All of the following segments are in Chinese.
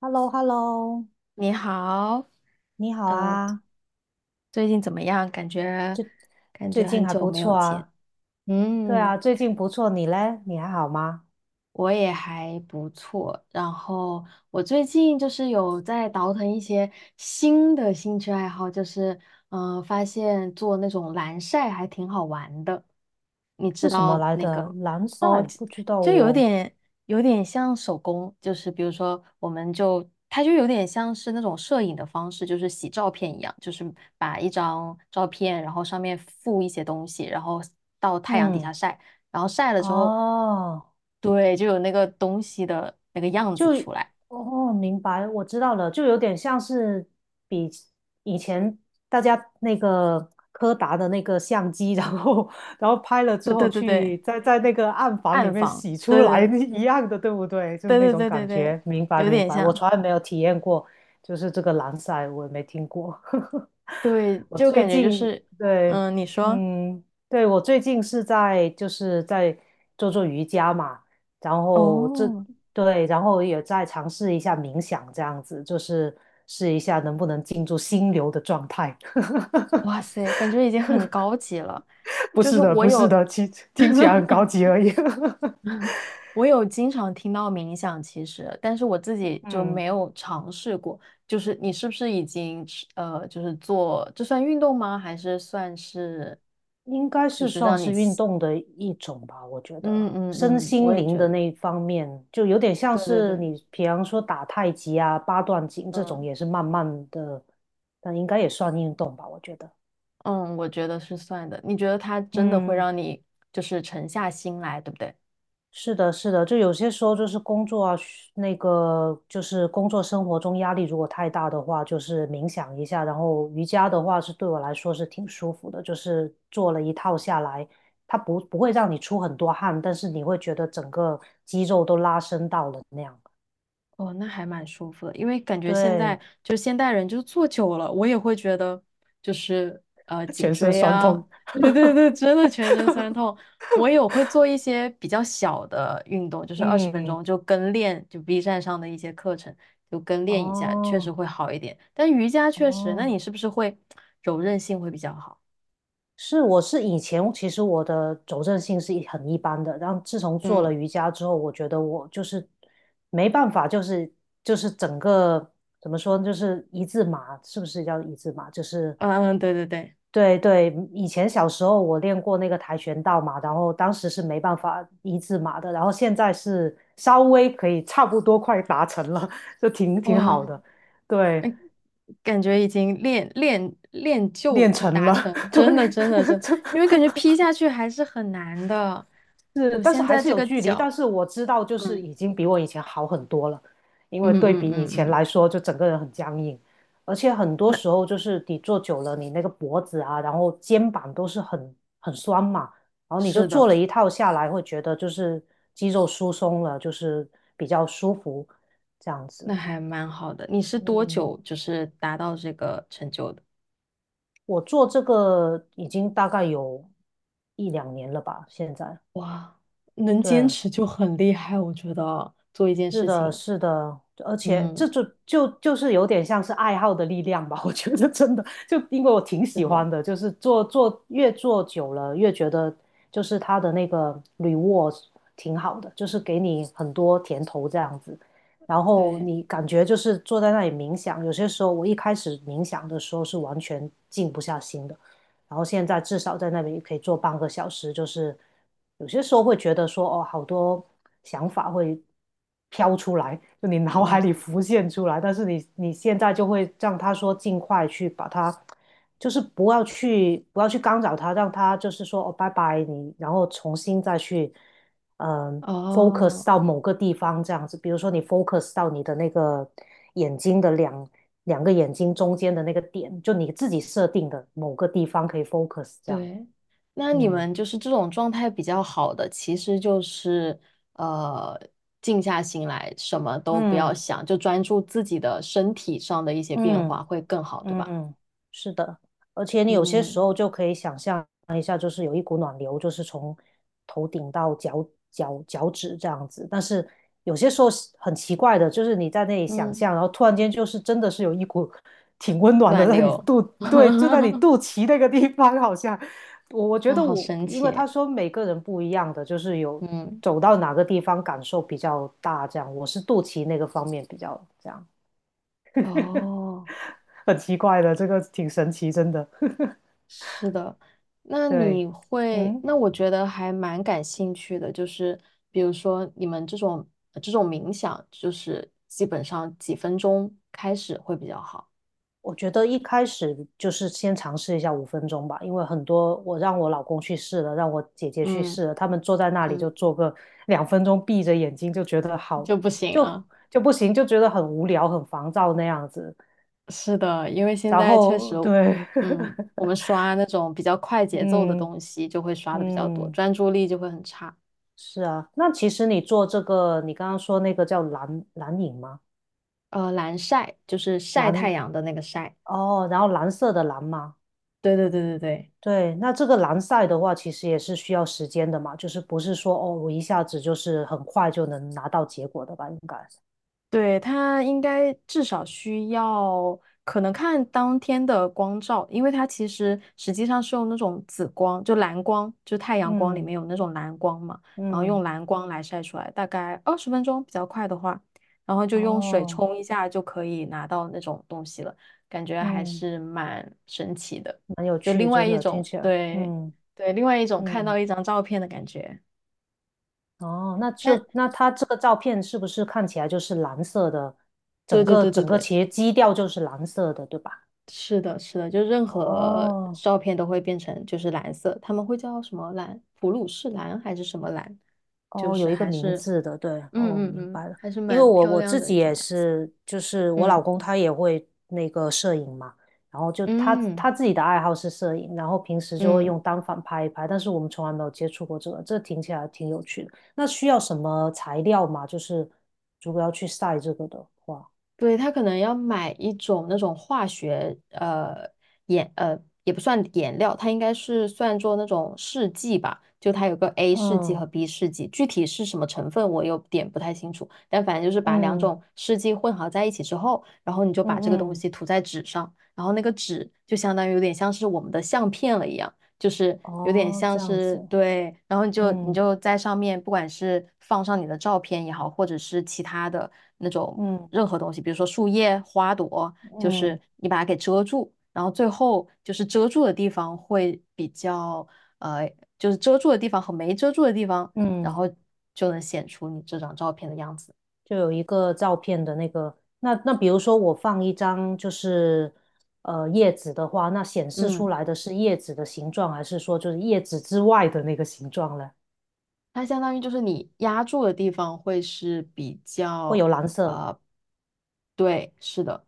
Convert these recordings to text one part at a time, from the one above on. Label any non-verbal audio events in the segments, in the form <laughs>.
h e l l o h e l l o 你好，你好呃，啊，最近怎么样？感觉感最觉近很还久不没有错见。啊。对嗯，啊，最近不错，你嘞？你还好吗？我也还不错，然后我最近就是有在倒腾一些新的兴趣爱好，就是发现做那种蓝晒还挺好玩的。你知是什么道来那的？个蓝哦，赛？就不知道就有哦。点有点像手工，就是比如说我们就它就有点像是那种摄影的方式，就是洗照片一样，就是把一张照片，然后上面附一些东西，然后到太阳底下嗯，晒。然后晒了之后，哦，对，就有那个东西的那个样就子出来。哦，明白，我知道了，就有点像是比以前大家那个柯达的那个相机，<laughs> 然后拍了之对后对对对，去在那个暗房里暗面房，洗出对来 对 <laughs> 一样的，对不对？就是对那对种对对对感对，觉。明白，有明点白，我像，从来没有体验过，就是这个蓝晒，我也没听过。<laughs> 对，我就感最觉就近是，对，嗯，你说，嗯，对，我最近是在就是在做做瑜伽嘛。然后这哦，对，然后也再尝试一下冥想，这样子就是试一下能不能进入心流的状态。<laughs> 哇塞，感觉已经很高级了，不就是是的，我不是有。的，听 <laughs> 听起来很高级而已。<laughs> 我有经常听到冥想，其实，但是我自己就嗯，没有尝试过。就是你是不是已经就是做，这算运动吗？还是算是，应该就是是算让你是运吸动的一种吧，我觉得嗯嗯身嗯，我心也灵觉的得，那一方面，就有点像对对是对，你，比方说打太极啊、八段锦这种，嗯也是慢慢的，但应该也算运动吧，我觉得。嗯，我觉得是算的。你觉得它真的会嗯。让你就是沉下心来，对不对？是的，是的，就有些时候就是工作啊，嘘那个就是工作生活中压力如果太大的话，就是冥想一下，然后瑜伽的话是对我来说是挺舒服的，就是做了一套下来，它不会让你出很多汗，但是你会觉得整个肌肉都拉伸到了那样。哦，那还蛮舒服的，因为感觉现在对，就是现代人就坐久了，我也会觉得就是颈全身椎酸啊，痛。<laughs> 对对对，真的全身酸痛。我有会做一些比较小的运动，就是二十分嗯，钟就跟练，就 B 站上的一些课程就跟练一下，确实哦，会好一点。但瑜伽确实，那哦。你是不是会柔韧性会比较好？是，我是以前其实我的走韧性是一很一般的，然后自从做了嗯瑜伽之后，我觉得我就是没办法，就是整个怎么说呢，就是一字马，是不是叫一字马？就是嗯，对对对，对对，以前小时候我练过那个跆拳道嘛，然后当时是没办法一字马的，然后现在是稍微可以差不多快达成了，就挺好哇，的，对，感觉已经练练练就练成达了，成，<laughs> 对，真的真的真的因为感 <laughs> 觉劈下去还是很难的。是，我但是现还在是这有个距离。但脚，是我知道，就是嗯已经比我以前好很多了，因嗯为对嗯比以嗯前嗯，来说，就整个人很僵硬，而且很多那时候就是你坐久了，你那个脖子啊，然后肩膀都是很酸嘛，然后你就是的，做了一套下来，会觉得就是肌肉疏松了，就是比较舒服这样那子。还蛮好的。你是多嗯，久就是达到这个成就的？我做这个已经大概有一两年了吧，现在。哇，能坚对，持就很厉害，我觉得做一件是事的，情，是的，而且嗯，这就是有点像是爱好的力量吧，<laughs> 我觉得真的，就因为我挺是喜的，欢的，就是做做越做久了，越觉得就是它的那个 reward 挺好的，就是给你很多甜头这样子，然后对，你感觉就是坐在那里冥想，有些时候我一开始冥想的时候是完全静不下心的，然后现在至少在那边可以做半个小时，就是有些时候会觉得说，哦，好多想法会飘出来，就你脑海里哇，浮现出来，但是你现在就会让他说尽快去把它，就是不要去干扰他，让他就是说哦拜拜你，然后重新再去嗯 focus 哦。到某个地方这样子，比如说你 focus 到你的那个眼睛的两个眼睛中间的那个点，就你自己设定的某个地方可以 focus 这样。对，那你嗯们就是这种状态比较好的，其实就是呃，静下心来，什么都不要嗯想，就专注自己的身体上的一些变嗯。化会更好，对吧？嗯，是的，而且你有些时嗯候就可以想象一下，就是有一股暖流，就是从头顶到脚趾这样子。但是有些时候是很奇怪的，就是你在那里想嗯，象，然后突然间就是真的是有一股 <laughs> 挺温暖的暖在你的流，肚，<laughs> 对，就在你肚脐那个地方，好像我觉哦，得好我，神因为奇，他说每个人不一样的，就是有嗯，走到哪个地方感受比较大，这样我是肚脐那个方面比较这样，哦。很奇怪的，这个挺神奇，真的。<laughs> 是的，那对，你会，嗯，那我觉得还蛮感兴趣的，就是比如说你们这种冥想，就是基本上几分钟开始会比较好。我觉得一开始就是先尝试一下5分钟吧，因为很多我让我老公去试了，让我姐姐去嗯试了，他们坐在那里嗯，就做个2分钟，闭着眼睛就觉得好，就不行就啊。就不行，就觉得很无聊、很烦躁那样子。是的，因为现然在确实，后对，嗯，我们刷那种比较快 <laughs> 节奏的嗯东西就会刷的比较多，嗯，专注力就会很差。是啊。那其实你做这个，你刚刚说那个叫蓝影吗？蓝晒就是晒太蓝阳的那个晒。哦，然后蓝色的蓝吗？对对对对对。对，那这个蓝赛的话，其实也是需要时间的嘛，就是不是说哦，我一下子就是很快就能拿到结果的吧？应该，对，它应该至少需要，可能看当天的光照，因为它其实实际上是用那种紫光，就蓝光，就太阳光里嗯面有那种蓝光嘛，然后嗯，用蓝光来晒出来，大概二十分钟比较快的话，然后就用水哦，冲一下就可以拿到那种东西了，感觉还嗯，是蛮神奇的，蛮有就趣，另外真一的听种，起来，对嗯对，另外一种看到嗯，一张照片的感觉。哦，那但就那它这个照片是不是看起来就是蓝色的？对整对个对对整个对，其实基调就是蓝色的，对吧？是的，是的，就任何哦照片都会变成就是蓝色，他们会叫什么蓝？普鲁士蓝还是什么蓝？就哦，有是一个还名是字的，对，哦，嗯嗯明嗯，白了。还是因为蛮我漂我亮自的己一种也蓝色。是，就是我老嗯公他也会那个摄影嘛，然后就他嗯他自己的爱好是摄影，然后平时就会嗯，用单反拍一拍，但是我们从来没有接触过这个，这听起来挺有趣的。那需要什么材料吗？就是如果要去晒这个的话，对，他可能要买一种那种化学呃颜呃也不算颜料，它应该是算作那种试剂吧，就它有个 A 试剂和 嗯 B 试剂，具体是什么成分我有点不太清楚，但反正就是把两嗯种试剂混合在一起之后，然后你就嗯把这个东嗯，西涂在纸上，然后那个纸就相当于有点像是我们的相片了一样，就是有点哦，像这样是子，对，然后你就你嗯就在上面，不管是放上你的照片也好，或者是其他的那种嗯任何东西，比如说树叶、花朵，就嗯是你把它给遮住，然后最后就是遮住的地方会比较呃，就是遮住的地方和没遮住的地方，然嗯。后就能显出你这张照片的样子。就有一个照片的那个，那比如说我放一张就是呃叶子的话，那显示出嗯。来的是叶子的形状，还是说就是叶子之外的那个形状呢？它相当于就是你压住的地方会是比会较，有蓝色。呃，对，是的，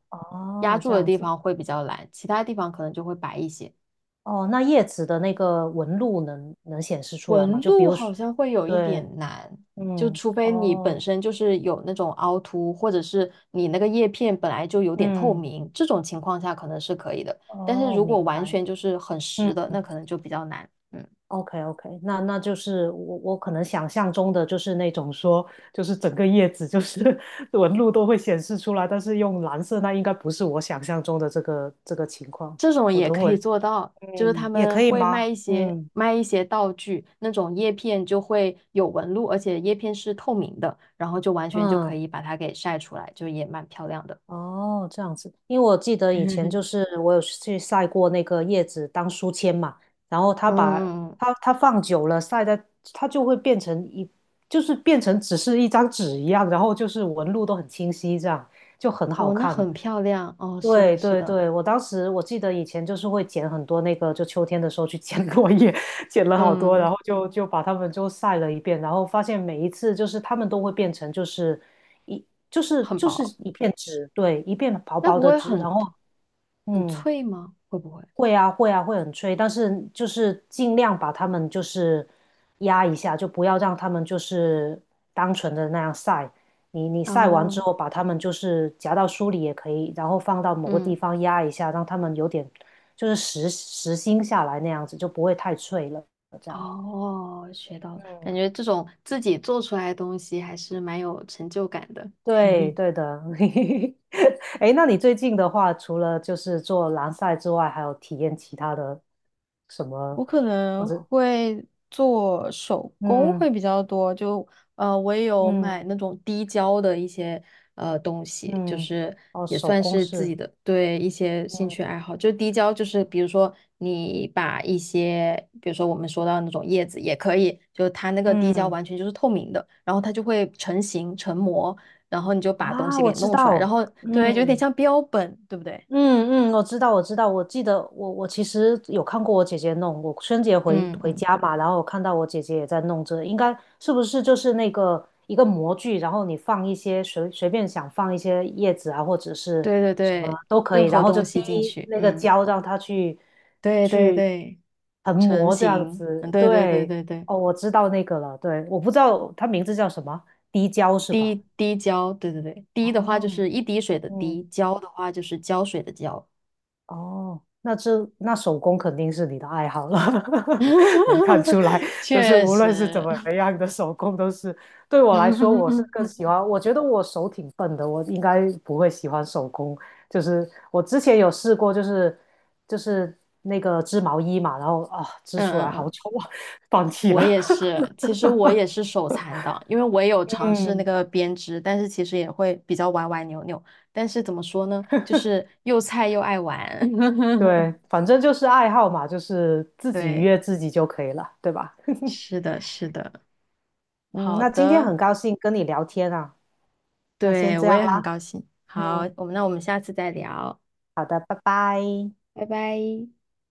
压哦，住这的样地子。方会比较蓝，其他地方可能就会白一些。哦，那叶子的那个纹路能显示出来吗？纹就比路如好说，像会有一对，点难，就嗯，除非你本哦，身就是有那种凹凸，或者是你那个叶片本来就有点透嗯，明，这种情况下可能是可以的。但是哦，如果明完白。全就是很实的，嗯。那可能就比较难。嗯。OK OK，那就是我可能想象中的就是那种说，就是整个叶子就是 <laughs> 纹路都会显示出来，但是用蓝色那应该不是我想象中的这个情况。这种我也等可会，以做到，就是嗯，他也可们以会吗？卖一些嗯卖一些道具，那种叶片就会有纹路，而且叶片是透明的，然后就完全就可嗯。以把它给晒出来，就也蛮漂亮的。哦，这样子，因为我记得以前就 <laughs> 是我有去晒过那个叶子当书签嘛，然后它把嗯，嗯它放久了晒在，它就会变成一，就是变成只是一张纸一样，然后就是纹路都很清晰，这样就很好哦，那看。很漂亮哦，是的，对是对的，对，我当时我记得以前就是会捡很多那个，就秋天的时候去 <laughs> 捡落叶，<laughs> 捡了好多，嗯，然后就把它们就晒了一遍，然后发现每一次就是它们都会变成就是一就是很就是薄，一片纸，对，一片薄那薄不的会纸，很然后很嗯脆吗？会不会？会啊，会啊，会很催，但是就是尽量把他们就是压一下，就不要让他们就是单纯的那样晒。你晒完之哦，后，把他们就是夹到书里也可以，然后放到某个地嗯，方压一下，让他们有点就是实心下来那样子，就不会太脆了。这样，哦，学到了，感嗯，觉这种自己做出来的东西还是蛮有成就感的。对对的。<laughs> 哎那你最近的话，除了就是做蓝晒之外，还有体验其他的什么，我可或能者会做手工嗯会比较多，就我也有嗯。买那种滴胶的一些东西，就嗯，是哦，也手算工是自己是，的对一些兴趣嗯爱好。就滴胶，就是比如说你把一些，比如说我们说到那种叶子也可以，就它那个滴胶嗯完全就是透明的，然后它就会成型成膜，然后你就把东啊，西我给知弄出来，然道，后对，有点嗯，像标本，对不对？嗯嗯，我知道，我知道，我记得我其实有看过我姐姐弄，我春节回嗯回嗯，家嘛，然后我看到我姐姐也在弄这，应该是不是就是那个一个模具，然后你放一些随便想放一些叶子啊，或者是对对什么对，都可任以，然何后就东滴西进去，那个嗯。胶让它去对对去对，横成膜这样型，嗯，子，对对对对，对对，哦，我知道那个了，对，我不知道它名字叫什么，滴胶是吧？滴胶，对对对，滴的话就哦，是一滴水的滴，嗯。胶的话就是胶水的胶，哦，那这那手工肯定是你的爱好了，<laughs> 能看出来，<laughs> 就是确无论是怎实，么样的手工都是，对 <laughs> 我来说，我是更喜嗯欢，我觉得我手挺笨的，我应该不会喜欢手工，就是我之前有试过，就是那个织毛衣嘛，然后啊织出嗯来好嗯，丑啊，放弃我了。也 <laughs> 是，其实我也是手残党，因为我也有尝试那嗯，个编织，但是其实也会比较歪歪扭扭，但是怎么说呢，就是又菜又爱玩，对，<laughs> 反正就是爱好嘛，就是自己愉对，悦自己就可以了，对吧？<laughs> 是的，是的，嗯，好那今天的。很高兴跟你聊天啊，那先对，这我样也很啦。高兴。好，嗯，那我们下次再聊，好的，拜拜。拜拜。